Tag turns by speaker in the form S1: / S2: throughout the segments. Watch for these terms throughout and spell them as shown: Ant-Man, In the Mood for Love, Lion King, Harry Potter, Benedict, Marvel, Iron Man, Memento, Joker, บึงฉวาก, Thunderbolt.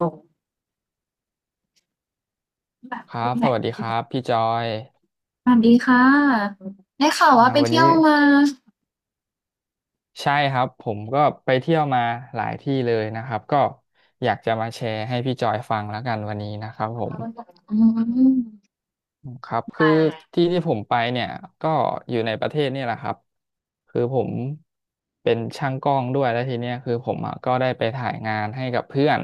S1: ตรงแบบ
S2: ครั
S1: เรื่อ
S2: บ
S1: งไห
S2: ส
S1: น
S2: วัสดี
S1: นะ
S2: ค
S1: ที่
S2: รั
S1: แบบ
S2: บพี่จอย
S1: สวัสดีค่ะได้ข่าว
S2: อ่า
S1: ว่าไป
S2: วัน
S1: เที่
S2: นี้
S1: ยวมา
S2: ใช่ครับผมก็ไปเที่ยวมาหลายที่เลยนะครับก็อยากจะมาแชร์ให้พี่จอยฟังแล้วกันวันนี้นะครับผม
S1: อืม
S2: ครับคื
S1: แต่
S2: อที่ที่ผมไปเนี่ยก็อยู่ในประเทศนี่แหละครับคือผมเป็นช่างกล้องด้วยแล้วทีเนี้ยคือผมอะก็ได้ไปถ่ายงานให้กับเพื่อน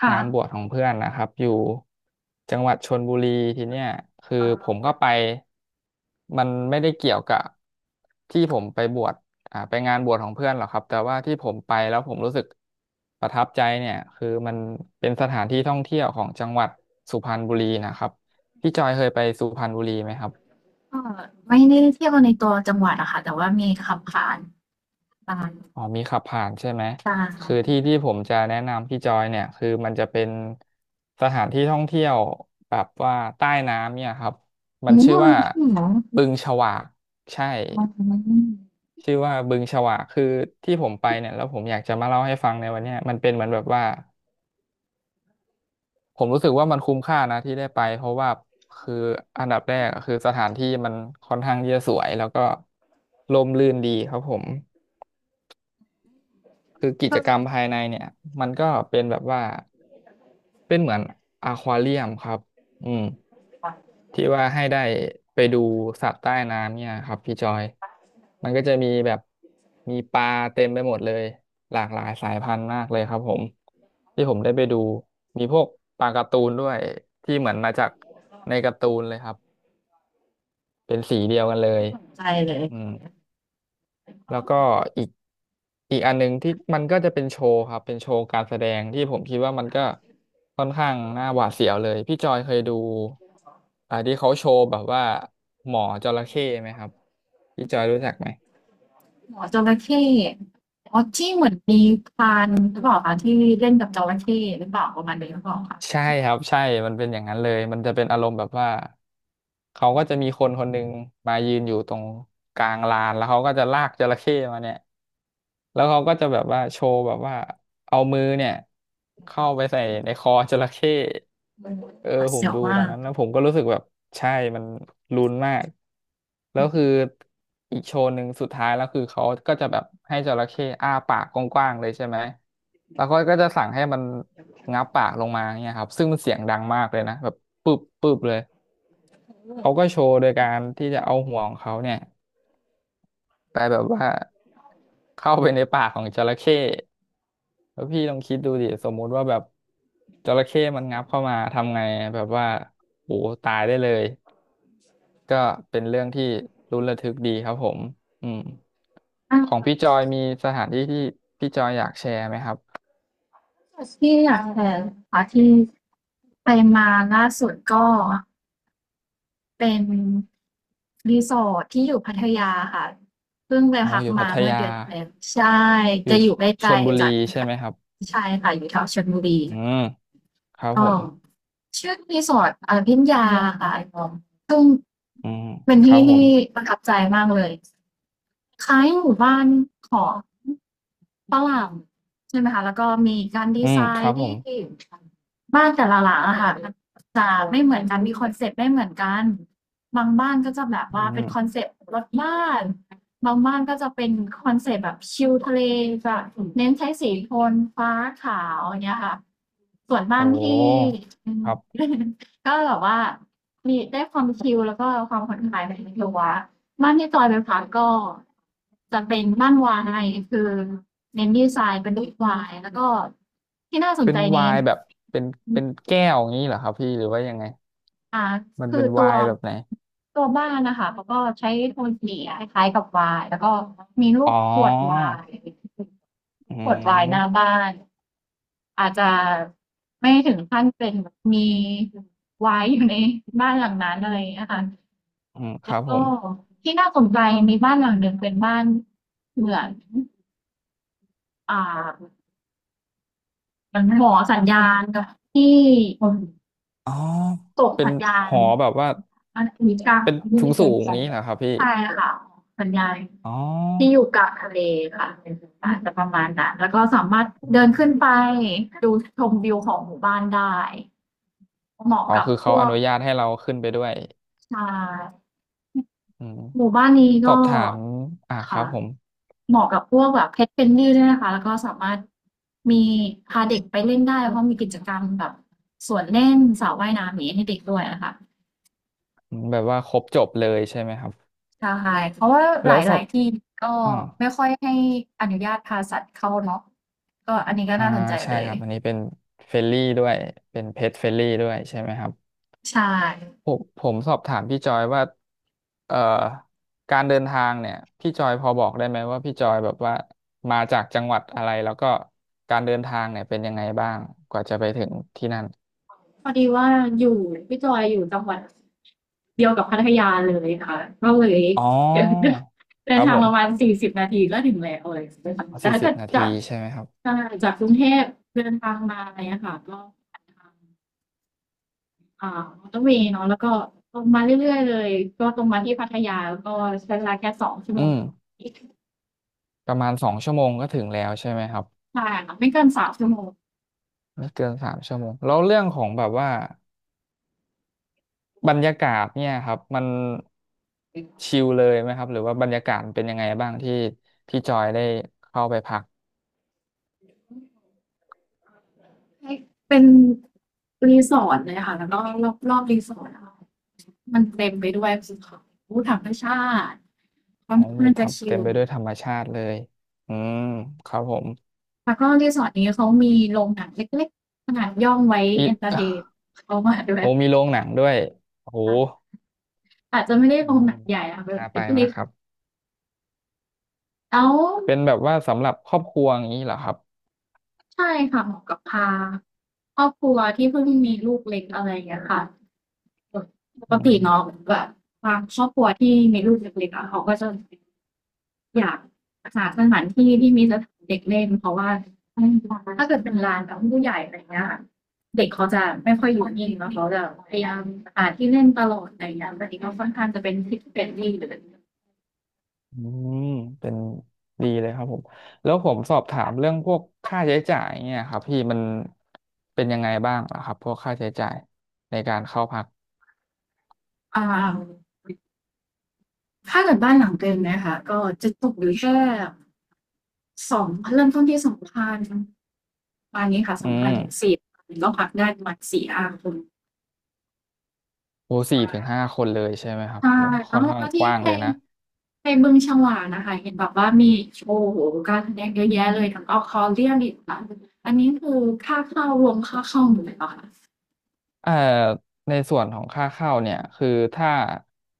S1: ค่ะ
S2: งานบวชของเพื่อนนะครับอยู่จังหวัดชลบุรีทีเนี้ยคือ
S1: ก
S2: ผมก็ไปมันไม่ได้เกี่ยวกับที่ผมไปบวชไปงานบวชของเพื่อนหรอกครับแต่ว่าที่ผมไปแล้วผมรู้สึกประทับใจเนี่ยคือมันเป็นสถานที่ท่องเที่ยวของจังหวัดสุพรรณบุรีนะครับ พี่จอยเคยไปสุพรรณบุรีไหมครับ
S1: ็ไม่ได้เที่ยวในตัวจังหวัดอะค่ะแต่ว่ามีขับผ่านตาง
S2: อ๋อมีขับผ่านใช่ไหม
S1: ตา
S2: คือที่ที่ผมจะแนะนำพี่จอยเนี่ยคือมันจะเป็นสถานที่ท่องเที่ยวแบบว่าใต้น้ำเนี่ยครับมันชื่อ
S1: มัน
S2: ว่า
S1: ที่หนอง
S2: บึงฉวากใช่
S1: อืม
S2: ชื่อว่าบึงฉวากคือที่ผมไปเนี่ยแล้วผมอยากจะมาเล่าให้ฟังในวันเนี้ยมันเป็นเหมือนแบบว่าผมรู้สึกว่ามันคุ้มค่านะที่ได้ไปเพราะว่าคืออันดับแรกอะคือสถานที่มันค่อนข้างที่จะสวยแล้วก็ร่มรื่นดีครับผม คือกิจ
S1: เพิ่ง
S2: กรรมภายในเนี่ยมันก็เป็นแบบว่าเป็นเหมือนอควาเรียมครับอืม
S1: ตัด
S2: ที่ว่าให้ได้ไปดูสัตว์ใต้น้ำเนี่ยครับพี่จอยมันก็จะมีแบบมีปลาเต็มไปหมดเลยหลากหลายสายพันธุ์มากเลยครับผมที่ผมได้ไปดูมีพวกปลาการ์ตูนด้วยที่เหมือนมาจากในการ์ตูนเลยครับเป็นสีเดียวกันเลย
S1: สินใจเลย
S2: อืม แล้วก็อีกอีกอันหนึ่งที่มันก็จะเป็นโชว์ครับเป็นโชว์การแสดงที่ผมคิดว่ามันก็ค่อนข้างน่าหวาดเสียวเลยพี่จอยเคยดูที่เขาโชว์แบบว่าหมอจระเข้ไหมครับพี่จอยรู้จักไหม
S1: หมอจระเข้อ๋อที่เหมือนมีพรานหรือเปล่าคะที่เล่นกับจระเข้หรือเปล่าประมาณนี้หรือเปล่าคะ
S2: ใช่ครับใช่มันเป็นอย่างนั้นเลยมันจะเป็นอารมณ์แบบว่าเขาก็จะมีคนคนหนึ่งมายืนอยู่ตรงกลางลานแล้วเขาก็จะลากจระเข้มาเนี่ย แล้วเขาก็จะแบบว่าโชว์แบบว่าเอามือเนี่ยเข้าไปใส่ในคอจระเข้
S1: มันห
S2: เออ
S1: วาด
S2: ผม
S1: เสียว
S2: ดูต
S1: มา
S2: อน
S1: ก
S2: นั้นแล้วผมก็รู้สึกแบบใช่มันลุ้นมากแล้วคืออีกโชว์หนึ่งสุดท้ายแล้วคือเขาก็จะแบบให้จระเข้อ้าปากกว้างๆเลยใช่ไหมแล้วเขาก็จะสั่งให้มันงับปากลงมาเนี่ยครับซึ่งมันเสียงดังมากเลยนะแบบปึ๊บปึ๊บเลยเขาก็โชว์โดยการที่จะเอาหัวของเขาเนี่ยไปแบบว่าเข้าไปในปากของจระเข้ แล้วพี่ลองคิดดูดิสมมุติว่าแบบจระเข้มันงับเข้ามาทำไงแบบว่าโหตายได้เลยก็เป็นเรื่องที่ลุ้นระทึกดีครับผมอืม
S1: อ่า
S2: ของพี่จอยมีสถานที่ที่พี่จอยอยากแชร์ไหมครับ
S1: ที่อยากแชร์ค่ะที่ไปมาล่าสุดก็เป็นรีสอร์ทที่อยู่พัทยาค่ะเพิ่งไป
S2: อ๋อ
S1: พัก
S2: อยู่พั
S1: มา
S2: ท
S1: เมื่อ
S2: ยา
S1: เดือนที่แล้วใช่
S2: อยู่
S1: จะอยู่ใก
S2: ช
S1: ล้
S2: ลบุ
S1: ๆ
S2: รี
S1: จาก
S2: ใช่ไหมครับ
S1: ใช่ค่ะอยู่แถวชลบุรี
S2: อืมครับผ
S1: ก็
S2: ม
S1: ชื่อรีสอร์ทอพิญญาค่ะซึ่ง
S2: อืม
S1: เป็น
S2: ครั
S1: ที่
S2: บผ
S1: ที่
S2: ม
S1: ประทับใจมากเลยคล้ายหมู่บ้านของ ฝรั่งใช่ไหมคะแล้วก็มีการดี
S2: อื
S1: ไซ
S2: มครั
S1: น์
S2: บผ
S1: ที่
S2: ม
S1: บ้านแต่ละหลังอะค่ะมันจะไม่เหมือนกันมีคอนเซปต์ไม่เหมือนกันบางบ้านก็จะแบบ
S2: อื
S1: ว่าเป็นคอน
S2: ม
S1: เซปต์รถบ้านบางบ้านก็จะเป็นคอนเซปต์แบบชิลทะเลจะเน้นใช้สีโทนฟ้าขาวอย่างเงี้ยค่ะส่วน
S2: โอ
S1: บ้านที่
S2: ้ครับ
S1: ก็แบบว่ามีได้ความชิลแล้วก็ความผ่อนคลายในตัว บ้านที่จอยไปพักก็จะเป็นบ้านวายคือเน้นดีไซน์เป็นรูปวายแล้วก็ที่น่าสน
S2: เป็น
S1: ใจใน
S2: ไวน์แบบเป็นเป็นแก้วอย่างนี้เหรอครับพี่หรือว่ายังไง
S1: อ่า
S2: มัน
S1: คื
S2: เป็
S1: อ
S2: นไว
S1: ตัว
S2: น์แบบไหน
S1: ตัวบ้านนะคะเขาก็ใช้โทนสีคล้ายๆกับวายแล้วก็มีรู
S2: อ๋
S1: ป
S2: อ
S1: ขวดวาย
S2: อื
S1: ขวดวายหน้า
S2: ม
S1: บ้านอาจจะไม่ถึงขั้นเป็นมีวายอยู่ในบ้านหลังนั้นอะไรอย่างเงี้ยค่ะ
S2: อืมค
S1: แล้
S2: รั
S1: ว
S2: บผ
S1: ก็
S2: ม
S1: ที่น่าสนใจมีบ้านหลังหนึ่งเป็นบ้านเหมือนอ่ามันหมอสัญญาณกับที่
S2: อ๋อ
S1: ส่ง
S2: เป็น
S1: สัญญา
S2: ห
S1: ณ
S2: อแบบว่า
S1: อันนี้กลาง
S2: เป็น
S1: ที่
S2: สูง
S1: ไม่เค
S2: สู
S1: ย
S2: ง
S1: สัญ
S2: นี้เห
S1: ญา
S2: รอ
S1: ณ
S2: ครับพี่
S1: ใช่ค่ะสัญญาณ
S2: อ๋อ
S1: ที่อยู่กลางทะเลค่ะอาจจะประมาณนั้นแล้วก็สามารถ
S2: อื
S1: เดินขึ้น
S2: ม
S1: ไปดูชมวิวของหมู่บ้านได้เหมาะ
S2: อ๋อ
S1: กับ
S2: คือ
S1: พ
S2: เขา
S1: ว
S2: อ
S1: ก
S2: นุญาตให้เราขึ้นไปด้วย
S1: ชาย
S2: อืม
S1: หมู่บ้านนี้
S2: สอ
S1: ก็
S2: บถามครั
S1: ค่ะ
S2: บผม
S1: เหมาะกับพวกแบบ Pet Friendly ด้วยนะคะแล้วก็สามารถมีพาเด็กไปเล่นได้เพราะมีกิจกรรมแบบสวนเล่นสระว่ายน้ำอย่างนี้ให้เด็กด้วยอะค่ะ
S2: อืมแบบว่าครบจบเลยใช่ไหมครับ
S1: ใช่เพราะว่าหล
S2: แล้วสอ
S1: า
S2: บ
S1: ยๆที่ก็
S2: อ่า
S1: ไม่ค่อยให้อนุญาตพาสัตว์เข้าเนาะก็อันนี้ก็
S2: อ่า
S1: น่าสนใจ
S2: ใช่
S1: เลย
S2: ครับอันนี้เป็นเฟรลี่ด้วยเป็นเพจเฟรลี่ด้วยใช่ไหมครับ
S1: ใช่
S2: ผมสอบถามพี่จอยว่าเอ่อการเดินทางเนี่ยพี่จอยพอบอกได้ไหมว่าพี่จอยแบบว่ามาจากจังหวัดอะไรแล้วก็การเดินทางเนี่ยเป็นยังไงบ้างกว่าจะไปถึงที่นั่น
S1: พอดีว่าอยู่พี่จอยอยู่จังหวัดเดียวกับพัทยาเลยค่ะก็เลย
S2: อ๋อ
S1: เดิ
S2: ค
S1: น
S2: รั บ
S1: ทา
S2: ผ
S1: งประมาณ
S2: ม
S1: สี่สิบนาทีก็ถึงแล้วอะไรอย่างเลยค่ะ
S2: เอ๋
S1: แต่
S2: สี่
S1: ถ้า
S2: สิ
S1: เกิ
S2: บ
S1: ด
S2: นา
S1: จา
S2: ที
S1: ก
S2: ใช่ไหมครับ
S1: ใช่จากกรุงเทพเดินทางมาอะไรเงี้ยค่ะก็ผ่านทางอ่ามอเตอร์เวย์เนาะแล้วก็ตรงมาเรื่อยๆเลยก็ตรงมาที่พัทยาแล้วก็ใช้เวลาแค่สองชั่ว
S2: อื
S1: โมง
S2: ม
S1: ใช
S2: ประมาณ2 ชั่วโมงก็ถึงแล้วใช่ไหมครับ
S1: ่ค่ะไม่เกินสามชั่วโมง
S2: ไม่เกิน3 ชั่วโมงแล้วเรื่องของแบบว่าบรรยากาศเนี่ยครับมันชิลเลยไหมครับหรือว่าบรรยากาศเป็นยังไงบ้างที่พี่จอยได้เข้าไปพัก
S1: เป็นรีสอร์ทเลยค่ะแล้วก็รอบรีสอร์ทอะคะ มันเต็มไปด้วยสิ่งของผู้ธรรมชาติควา
S2: อ๋
S1: ม
S2: อ
S1: เพลิ
S2: มี
S1: นข้า
S2: ทั
S1: จะ
S2: บ
S1: ชิ
S2: เต็มไป
S1: ล
S2: ด้วยธรรมชาติเลยอืมครับผม
S1: แล้วก็รีสอร์ทนี้เขามีโรงหนังเล็กๆขนาดย่อมไว้
S2: มี
S1: เอนเตอร์เทน เขามาด้วย
S2: โอ้มีโรงหนังด้วยโอ้โห
S1: อาจจะไม่ได้
S2: อื
S1: โรง
S2: ม
S1: หนังใหญ่อะเป็น
S2: น่า
S1: เ
S2: ไป
S1: เล็
S2: มา
S1: ก
S2: กครับ
S1: แล้ว
S2: เป็นแบบว่าสำหรับครอบครัวอย่างนี้เหรอครับ
S1: ใช่ค่ะเหมาะกับพาครอบครัวที่เพิ่งมีลูกเล็กอะไรอย่างเงี้ยค่ะ ป
S2: อื
S1: กติเนาะ
S2: ม
S1: แบบบางครอบครัวที่มีลูกเล็กๆ เขาก็จะ อยากหาสถานที่ที่มีสถานเด็กเล่นเพราะว่าถ้าเกิดเป็นลานกับผู้ใหญ่อะไรเงี้ยเด็กเขาจะไม่ค่อยอยู่นิ่งนะเขาจะพยายามหาที่เล่นตลอดอะไรอย่างเงี้ยแต่นี้ก็ค่อนข้างจะเป็นที่หรือ
S2: อืมเป็นดีเลยครับผม แล้วผมสอบถามเรื่องพวกค่าใช้จ่ายเนี่ยครับพี่มันเป็นยังไงบ้างเหรอครับพวกค่าใช้จ่ายในการเข้าพัก
S1: อ่าถ้าเกิดบ้านหลังเต็มนะคะก็จะตกอยู่แค่สองเริ่มต้นที่สองพันประานี้ค่ะส
S2: อื
S1: องพั
S2: ม
S1: นถึงสี่พันก็พักได้ประมาณสี่ห้าคน
S2: โอ้4 ถึง 5 คนเลยใช่ไหมครับ
S1: ใช่
S2: โอ้
S1: แล้
S2: ค่
S1: ว
S2: อนข้า
S1: แล้
S2: ง
S1: ว
S2: ก
S1: ที่
S2: ว้าง
S1: ไป
S2: เลยนะ
S1: ไปบึงฉวากน่ะค่ะเห็นแบบว่ามีโอ้โฮการแสดงเยอะแยะเลยทั้ง Accordion อีกค่ะอันนี้คือค่าเข้ารวมค่าเข้าหมดเลยเปล่าคะ
S2: เอ่อในส่วนของค่าเข้าเนี่ยคือถ้า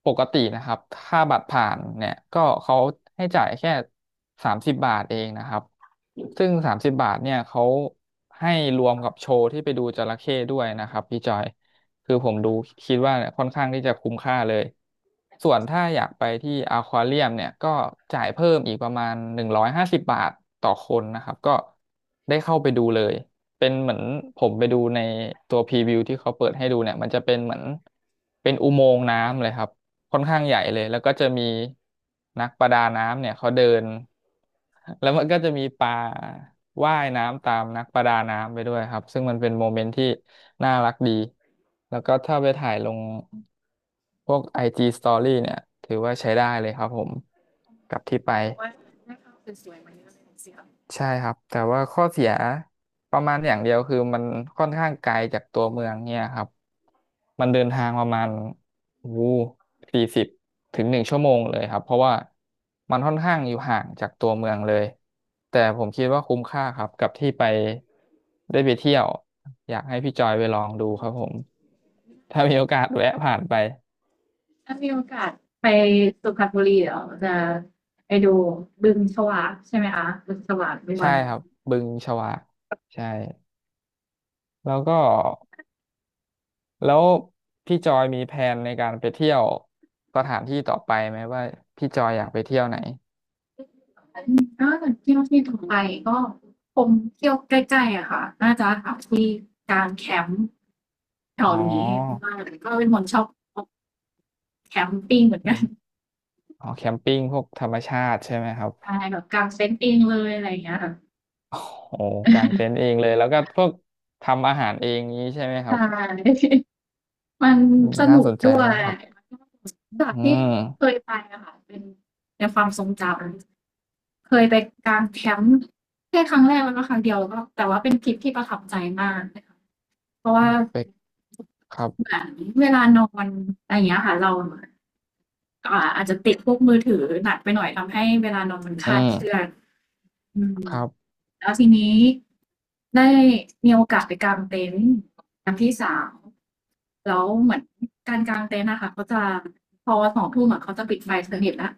S2: ปกตินะครับค่าบัตรผ่านเนี่ยก็เขาให้จ่ายแค่สามสิบบาทเองนะครับซึ่งสามสิบบาทเนี่ยเขาให้รวมกับโชว์ที่ไปดูจระเข้ด้วยนะครับพี่จอยคือผมดูคิดว่าเนี่ยค่อนข้างที่จะคุ้มค่าเลยส่วนถ้าอยากไปที่อควาเรียมเนี่ยก็จ่ายเพิ่มอีกประมาณ150 บาทต่อคนนะครับก็ได้เข้าไปดูเลย เป็นเหมือนผมไปดูในตัวพรีวิวที่เขาเปิดให้ดูเนี่ยมันจะเป็นเหมือนเป็นอุโมงค์น้ำเลยครับค่อนข้างใหญ่เลยแล้วก็จะมีนักประดาน้ำเนี่ยเขาเดินแล้วมันก็จะมีปลาว่ายน้ำตามนักประดาน้ำไปด้วยครับซึ่งมันเป็นโมเมนต์ที่น่ารักดีแล้วก็ถ้าไปถ่ายลงพวก IG Story เนี่ยถือว่าใช้ได้เลยครับผมกับที่
S1: แส
S2: ไป
S1: ดงว่าได้ภาพสวยๆมาเยอะเลยสิคะ
S2: ใช่ครับแต่ว่าข้อเสียประมาณอย่างเดียวคือมันค่อนข้างไกลจากตัวเมืองเนี่ยครับมันเดินทางประมาณวู40ถึง1 ชั่วโมงเลยครับเพราะว่ามันค่อนข้างอยู่ห่างจากตัวเมืองเลยแต่ผมคิดว่าคุ้มค่าครับกับที่ไปได้ไปเที่ยวอยากให้พี่จอยไปลองดูครับผมถ้ามีโอกาสแวะผ่านไป
S1: ถ้ามีโอกาสไปสุพรรณบุรีเดี๋ยวจะไปดูบึงฉวากใช่ไหมคะบึงฉวากด้ว
S2: ใช่
S1: ย
S2: ครับบึงฉวากใช่แล้วก็ แล้วพี่จอยมีแผนในการไปเที่ยวสถานที่ต่อไปไหมว่าพี่จอยอยากไปเที่ยวไหน
S1: ถ้าเกิดเที่ยวที่ต่อไปก็คงเที่ยวใกล้ๆอะค่ะน่าจะหาที่กางแคมป์แถ
S2: อ๋
S1: ว
S2: อ
S1: นี้มากก็เป็นคนชอบอ แคมปิ้งเหมือนกั
S2: เป็
S1: น
S2: นอ๋อแคมปิ้งพวกธรรมชาติใช่ไหมครับ
S1: ใช่แบบกางเต็นท์เองเลยอะไรอย่างเงี้ยค่ะ
S2: โอ้โหกางเต็นท์ เองเลยแล้วก็พวกทำอาหารเองนี้ใช่ไหมค
S1: ใ
S2: รับ
S1: ช่ มัน
S2: อืม
S1: ส
S2: น่า
S1: นุก
S2: สนใจ
S1: ด้วย
S2: มากครับอ
S1: จาก
S2: ื
S1: ที่เค
S2: ม
S1: ยไปอะค่ะเป็นในความทรงจำเคยไปกางแคมป์แค่ครั้งแรกแล้วก็ครั้งเดียวก็แต่ว่าเป็นทริปที่ประทับใจมากเลยค่ะเพราะว่า
S2: เป็กครับ
S1: เหมือนเวลานอนอะไรอย่างเงี้ยค่ะเราอาจจะติดพวกมือถือหนักไปหน่อยทำให้เวลานอนมันค
S2: อื
S1: ลาด
S2: ม
S1: เคลื่อนอืม
S2: ครับ
S1: แล้วทีนี้ได้มีโอกาสไปกางเต็นท์กับพี่สาวแล้วเหมือนการกางเต็นท์อะค่ะเขาจะพอ20:00องทุ่มอะเขาจะปิดไฟสนิทแล้ว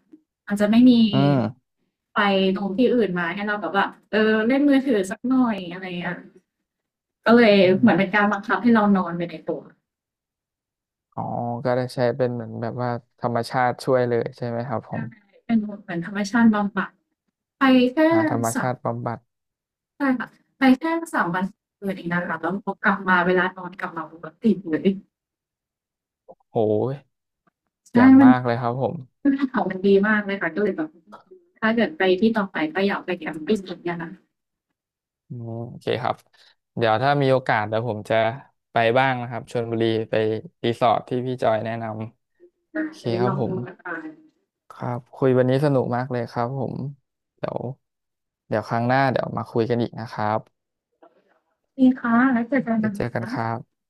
S1: อาจจะไม่มี
S2: อืม
S1: ไฟตรงที่อื่นมาให้เราแบบว่าเออเล่นมือถือสักหน่อยอะไรอย่างเงี้ยก็เลย
S2: อ
S1: เหมือน
S2: ม
S1: เป็นการบังคับให้เรานอนไปในตัว
S2: อ๋อก็ได้ใช้เป็นเหมือนแบบว่าธรรมชาติช่วยเลยใช่ไหมครับผ
S1: ใช่
S2: ม
S1: เป็นเหมือนธรรมชาติบำบัดไปแค่
S2: หาธรรม
S1: สา
S2: ชา
S1: ม
S2: ติบำบัด
S1: ใช่ค่ะไปแค่3วัน2คืนเองนะคะแล้วพอกลับมาเวลานอนกลับมาปกติเลย
S2: โหยแจ่
S1: ใช่
S2: ม
S1: มัน
S2: มากเลยครับผม
S1: คือภูเขามันดีมากเลยค่ะก็เลยแบบถ้าเกิดไปที่ต่อไปก็อยากไปแคมปิงเหมือนกันนะคะ
S2: อืมโอเคครับเดี๋ยวถ้ามีโอกาสเดี๋ยวผมจะไปบ้างนะครับชลบุรีไปรีสอร์ทที่พี่จอยแนะนำ
S1: ได้
S2: โอเค
S1: เลย
S2: ค
S1: ล
S2: รับ
S1: อง
S2: ผ
S1: ดู
S2: ม
S1: นะคะ
S2: ครับคุยวันนี้สนุกมากเลยครับผมเดี๋ยวครั้งหน้าเดี๋ยวมาคุยกันอีกนะครับ
S1: ดีค่ะแล้วเจอกัน
S2: เดี๋ย
S1: นะ
S2: วเจอกัน
S1: คะ
S2: ครับ